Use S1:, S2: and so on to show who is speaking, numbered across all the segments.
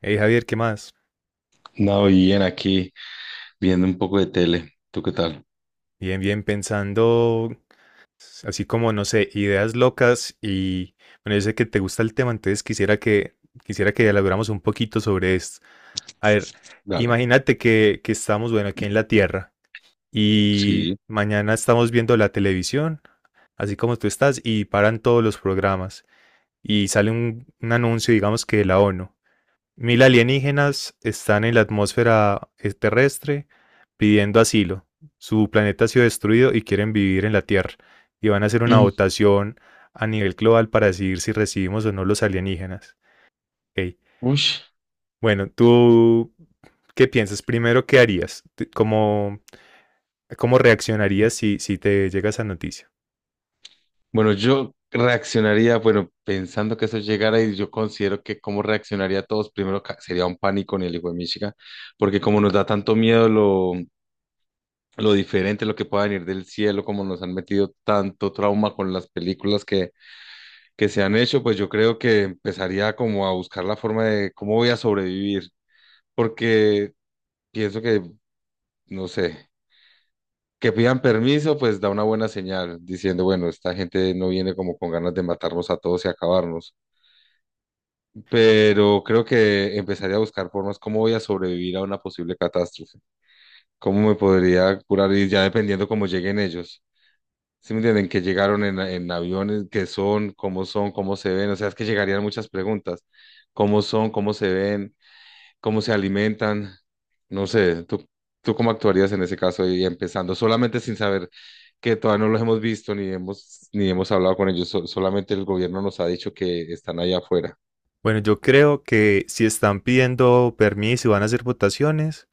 S1: Hey Javier, ¿qué más?
S2: No, bien, aquí viendo un poco de tele. ¿Tú qué tal?
S1: Bien, bien, pensando pues, así como, no sé, ideas locas y bueno, yo sé que te gusta el tema, entonces quisiera que elaboramos un poquito sobre esto. A ver,
S2: Dale.
S1: imagínate que estamos, bueno, aquí en la Tierra y
S2: Sí.
S1: mañana estamos viendo la televisión, así como tú estás, y paran todos los programas y sale un anuncio, digamos que de la ONU. Mil alienígenas están en la atmósfera terrestre pidiendo asilo. Su planeta ha sido destruido y quieren vivir en la Tierra. Y van a hacer una
S2: Mm.
S1: votación a nivel global para decidir si recibimos o no los alienígenas. Ok.
S2: Uy.
S1: Bueno, ¿tú qué piensas? Primero, ¿qué harías? ¿Cómo, cómo reaccionarías si te llega esa noticia?
S2: Bueno, yo reaccionaría, bueno, pensando que eso llegara y yo considero que cómo reaccionaría a todos, primero sería un pánico en el hijo de Michigan, porque como nos da tanto miedo lo diferente, lo que pueda venir del cielo, como nos han metido tanto trauma con las películas que se han hecho, pues yo creo que empezaría como a buscar la forma de cómo voy a sobrevivir, porque pienso que, no sé. Que pidan permiso, pues da una buena señal, diciendo, bueno, esta gente no viene como con ganas de matarnos a todos y acabarnos, pero creo que empezaría a buscar formas cómo voy a sobrevivir a una posible catástrofe, cómo me podría curar y ya dependiendo cómo lleguen ellos. ¿Sí me entienden? Que llegaron en aviones, qué son, cómo se ven, o sea, es que llegarían muchas preguntas, cómo son, cómo se ven, cómo se alimentan, no sé, ¿ tú cómo actuarías en ese caso y empezando solamente sin saber que todavía no los hemos visto ni hemos hablado con ellos, solamente el gobierno nos ha dicho que están allá afuera,
S1: Bueno, yo creo que si están pidiendo permiso y van a hacer votaciones,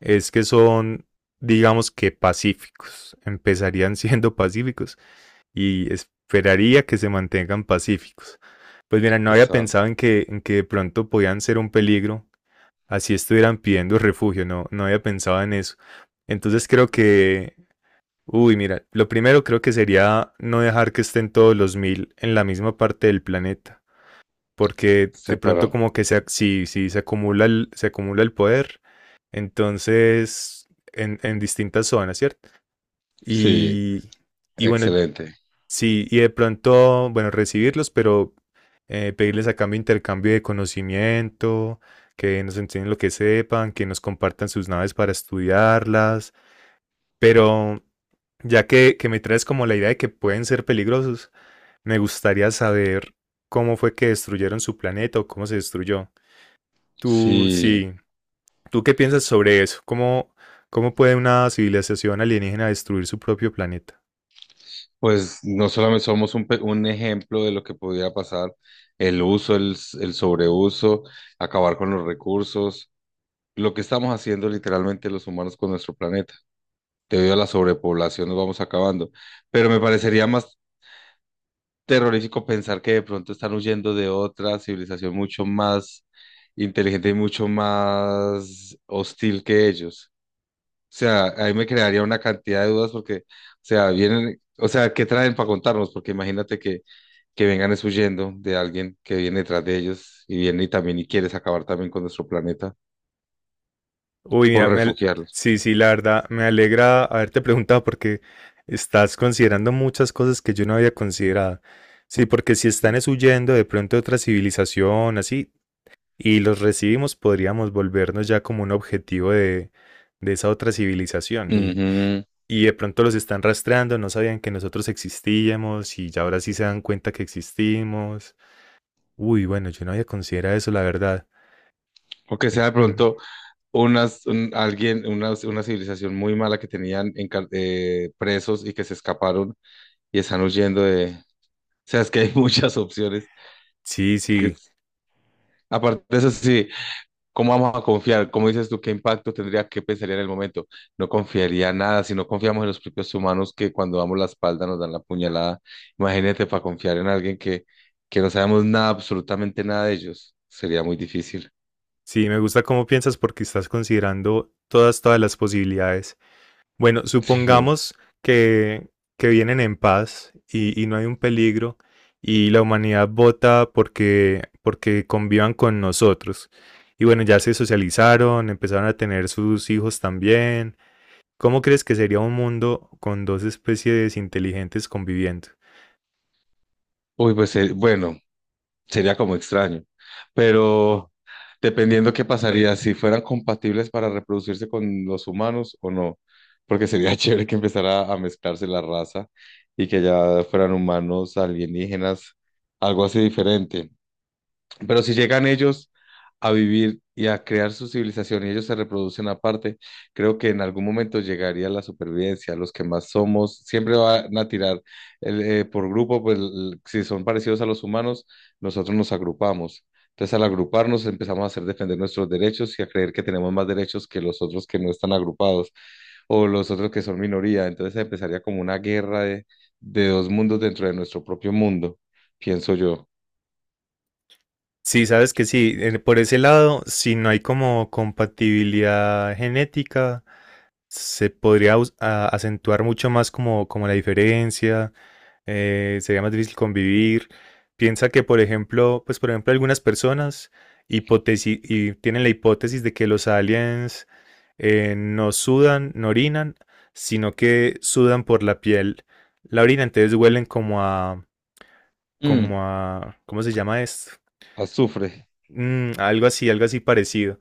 S1: es que son, digamos que pacíficos, empezarían siendo pacíficos y esperaría que se mantengan pacíficos. Pues mira, no había
S2: están.
S1: pensado en que de pronto podían ser un peligro, así estuvieran pidiendo refugio, no había pensado en eso. Entonces creo que, Uy, mira, lo primero creo que sería no dejar que estén todos los mil en la misma parte del planeta porque de pronto
S2: Separado.
S1: como que si se acumula se acumula el poder, entonces en distintas zonas, ¿cierto?
S2: Sí,
S1: Y, y bueno,
S2: excelente.
S1: sí, y de pronto, bueno, recibirlos, pero pedirles a cambio intercambio de conocimiento, que nos enseñen lo que sepan, que nos compartan sus naves para estudiarlas, pero ya que me traes como la idea de que pueden ser peligrosos, me gustaría saber cómo fue que destruyeron su planeta o cómo se destruyó. Tú,
S2: Sí,
S1: sí, ¿tú qué piensas sobre eso? ¿Cómo, cómo puede una civilización alienígena destruir su propio planeta?
S2: pues no solamente somos un ejemplo de lo que podría pasar, el uso, el sobreuso, acabar con los recursos, lo que estamos haciendo literalmente los humanos con nuestro planeta. Debido a la sobrepoblación nos vamos acabando. Pero me parecería más terrorífico pensar que de pronto están huyendo de otra civilización mucho más inteligente y mucho más hostil que ellos. O sea, ahí me crearía una cantidad de dudas porque, o sea, vienen, o sea, ¿qué traen para contarnos? Porque imagínate que vengan es huyendo de alguien que viene detrás de ellos y viene y también y quieres acabar también con nuestro planeta
S1: Uy,
S2: por
S1: mira, me al-
S2: refugiarlos.
S1: Sí, sí, la verdad, me alegra haberte preguntado porque estás considerando muchas cosas que yo no había considerado. Sí, porque si están
S2: Sí.
S1: es huyendo de pronto de otra civilización, así, y los recibimos, podríamos volvernos ya como un objetivo de esa otra civilización.
S2: Ujú.
S1: Y de pronto los están rastreando, no sabían que nosotros existíamos y ya ahora sí se dan cuenta que existimos. Uy, bueno, yo no había considerado eso, la verdad.
S2: O que sea de
S1: Ujú.
S2: pronto unas, un- alguien, una civilización muy mala que tenían presos y que se escaparon y están huyendo de... O sea, es que hay muchas opciones.
S1: Sí,
S2: Que
S1: sí,
S2: es- Aparte de eso, sí, ¿cómo vamos a confiar? ¿Cómo dices tú? ¿Qué impacto tendría? ¿Qué pensaría en el momento? No confiaría nada si no confiamos en los propios humanos que cuando damos la espalda nos dan la puñalada. Imagínate para confiar en alguien que no sabemos nada, absolutamente nada de ellos. Sería muy difícil.
S1: sí, me gusta cómo piensas porque estás considerando todas, todas las posibilidades. Bueno,
S2: Sí.
S1: supongamos que, que vienen en paz y no hay un peligro y la humanidad vota porque convivan con nosotros. Y bueno, ya se socializaron, empezaron a tener sus hijos también. ¿Cómo crees que sería un mundo con dos especies inteligentes conviviendo?
S2: Uy, pues bueno, sería como extraño. Pero dependiendo qué pasaría, si fueran compatibles para reproducirse con los humanos o no, porque sería chévere que empezara a mezclarse la raza y que ya fueran humanos, alienígenas, algo así diferente. Pero si llegan ellos a vivir y a crear su civilización y ellos se reproducen aparte, creo que en algún momento llegaría la supervivencia. Los que más somos siempre van a tirar por grupo, pues si son parecidos a los humanos, nosotros nos agrupamos. Entonces, al agruparnos, empezamos a hacer defender nuestros derechos y a creer que tenemos más derechos que los otros que no están agrupados o los otros que son minoría. Entonces, empezaría como una guerra de dos mundos dentro de nuestro propio mundo, pienso yo.
S1: Sí, sabes que sí, en- por ese lado, si no hay como compatibilidad genética, se podría acentuar mucho más como, como la diferencia, sería más difícil convivir. Piensa que, por ejemplo, pues por ejemplo, algunas personas hipotesi y tienen la hipótesis de que los aliens no sudan, no orinan, sino que sudan por la piel. La orina, entonces huelen como a,
S2: Mm,
S1: como a, ¿cómo se llama esto?
S2: azufre.
S1: Mm, algo así parecido.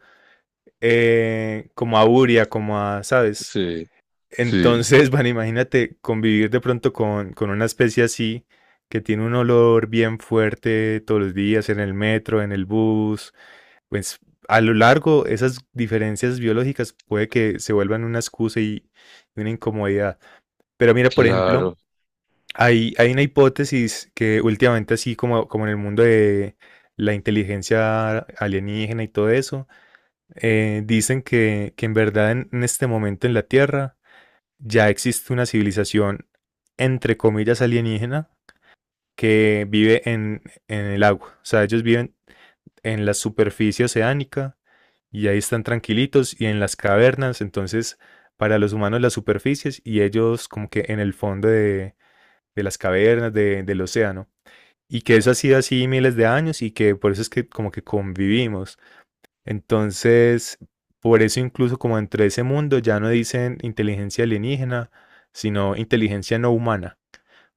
S1: Como a urea, como a, ¿sabes?
S2: Sí, sí,
S1: Entonces, bueno, imagínate convivir de pronto con una especie así que tiene un olor bien fuerte todos los días en el metro, en el bus. Pues a lo largo esas diferencias biológicas puede que se vuelvan una excusa y una incomodidad. Pero mira, por ejemplo,
S2: claro.
S1: hay una hipótesis que últimamente así como, como en el mundo de la inteligencia alienígena y todo eso, dicen que en verdad en este momento en la Tierra ya existe una civilización, entre comillas, alienígena que vive en el agua. O sea, ellos viven en la superficie oceánica y ahí están tranquilitos y en las cavernas. Entonces, para los humanos las superficies y ellos como que en el fondo de las cavernas, del océano. Y que eso ha sido así miles de años y que por eso es que como que convivimos. Entonces, por eso incluso como entre ese mundo ya no dicen inteligencia alienígena, sino inteligencia no humana,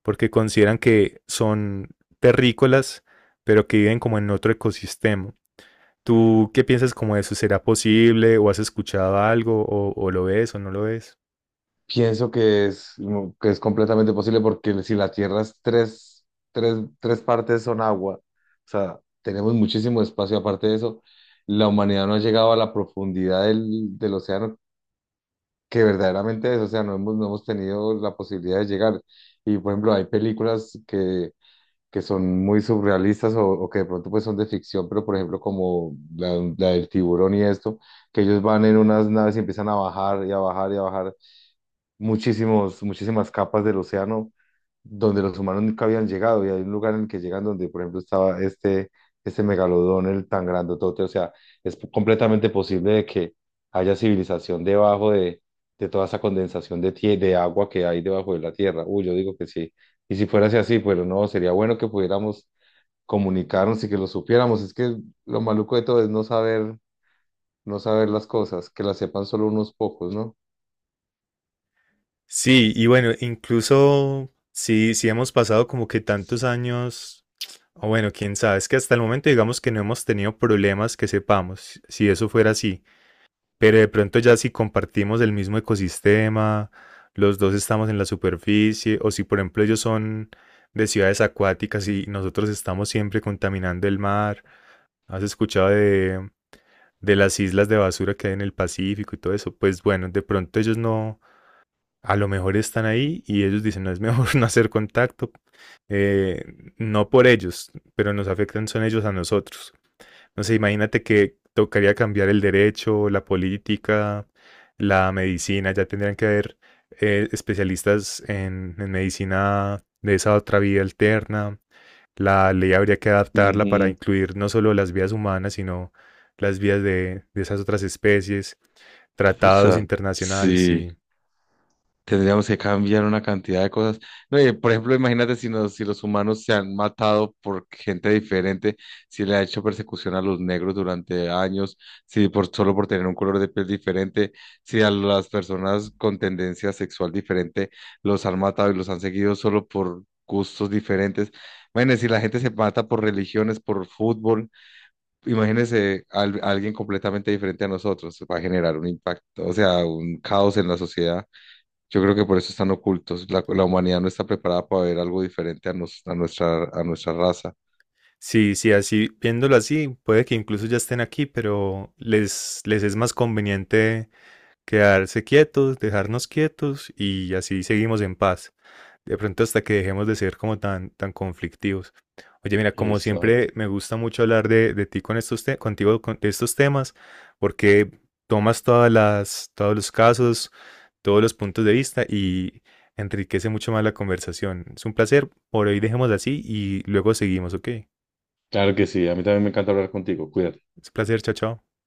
S1: porque consideran que son terrícolas, pero que viven como en otro ecosistema. ¿Tú qué piensas como de eso? ¿Será posible? ¿O has escuchado algo? O lo ves o no lo ves?
S2: Pienso que es completamente posible porque si la Tierra es tres partes son agua, o sea, tenemos muchísimo espacio. Aparte de eso, la humanidad no ha llegado a la profundidad del océano que verdaderamente es, o sea, no hemos tenido la posibilidad de llegar. Y por ejemplo, hay películas que son muy surrealistas o que de pronto pues son de ficción, pero por ejemplo como la del tiburón y esto, que ellos van en unas naves y empiezan a bajar y a bajar y a bajar muchísimas capas del océano donde los humanos nunca habían llegado y hay un lugar en el que llegan donde, por ejemplo, este megalodón, el tan grandotote, o sea, es completamente posible de que haya civilización debajo de toda esa condensación de, de agua que hay debajo de la tierra. Uy, yo digo que sí. Y si fuera así, pero no, sería bueno que pudiéramos comunicarnos y que lo supiéramos. Es que lo maluco de todo es no saber, no saber las cosas, que las sepan solo unos pocos, ¿no?
S1: Sí, y bueno, incluso sí, sí hemos pasado como que tantos años, o bueno, quién sabe, es que hasta el momento digamos que no hemos tenido problemas que sepamos, si eso fuera así. Pero de pronto ya si compartimos el mismo ecosistema, los dos estamos en la superficie, o si por ejemplo ellos son de ciudades acuáticas y nosotros estamos siempre contaminando el mar, ¿has escuchado de las islas de basura que hay en el Pacífico y todo eso? Pues bueno, de pronto ellos no, a lo mejor están ahí y ellos dicen, no es mejor no hacer contacto, eh, no por ellos, pero nos afectan son ellos a nosotros. No sé, imagínate que tocaría cambiar el derecho, la política, la medicina, ya tendrían que haber especialistas en medicina de esa otra vía alterna. La ley habría que adaptarla para incluir no solo las vías humanas, sino las vías de esas otras especies,
S2: O
S1: tratados
S2: sea,
S1: internacionales,
S2: sí,
S1: sí.
S2: tendríamos que cambiar una cantidad de cosas. No, y, por ejemplo, imagínate si los humanos se han matado por gente diferente, si le ha hecho persecución a los negros durante años, si solo por tener un color de piel diferente, si a las personas con tendencia sexual diferente los han matado y los han seguido solo por gustos diferentes. Bueno, si la gente se mata por religiones, por fútbol. Imagínese alguien completamente diferente a nosotros, va a generar un impacto, o sea, un caos en la sociedad. Yo creo que por eso están ocultos. La humanidad no está preparada para ver algo diferente a, a nuestra raza.
S1: Sí, sí, así, viéndolo así, puede que incluso ya estén aquí, pero les es más conveniente quedarse quietos, dejarnos quietos y así seguimos en paz. De pronto hasta que dejemos de ser como tan, tan conflictivos. Oye, mira, como
S2: Exacto.
S1: siempre me gusta mucho hablar de ti con estos te- contigo de estos temas, porque tomas todas las, todos los casos, todos los puntos de vista y enriquece mucho más la conversación. Es un placer, por hoy dejemos así y luego seguimos, ¿ok? Es
S2: Claro que sí. A mí también me encanta hablar contigo. Cuídate.
S1: un placer, chao, chao.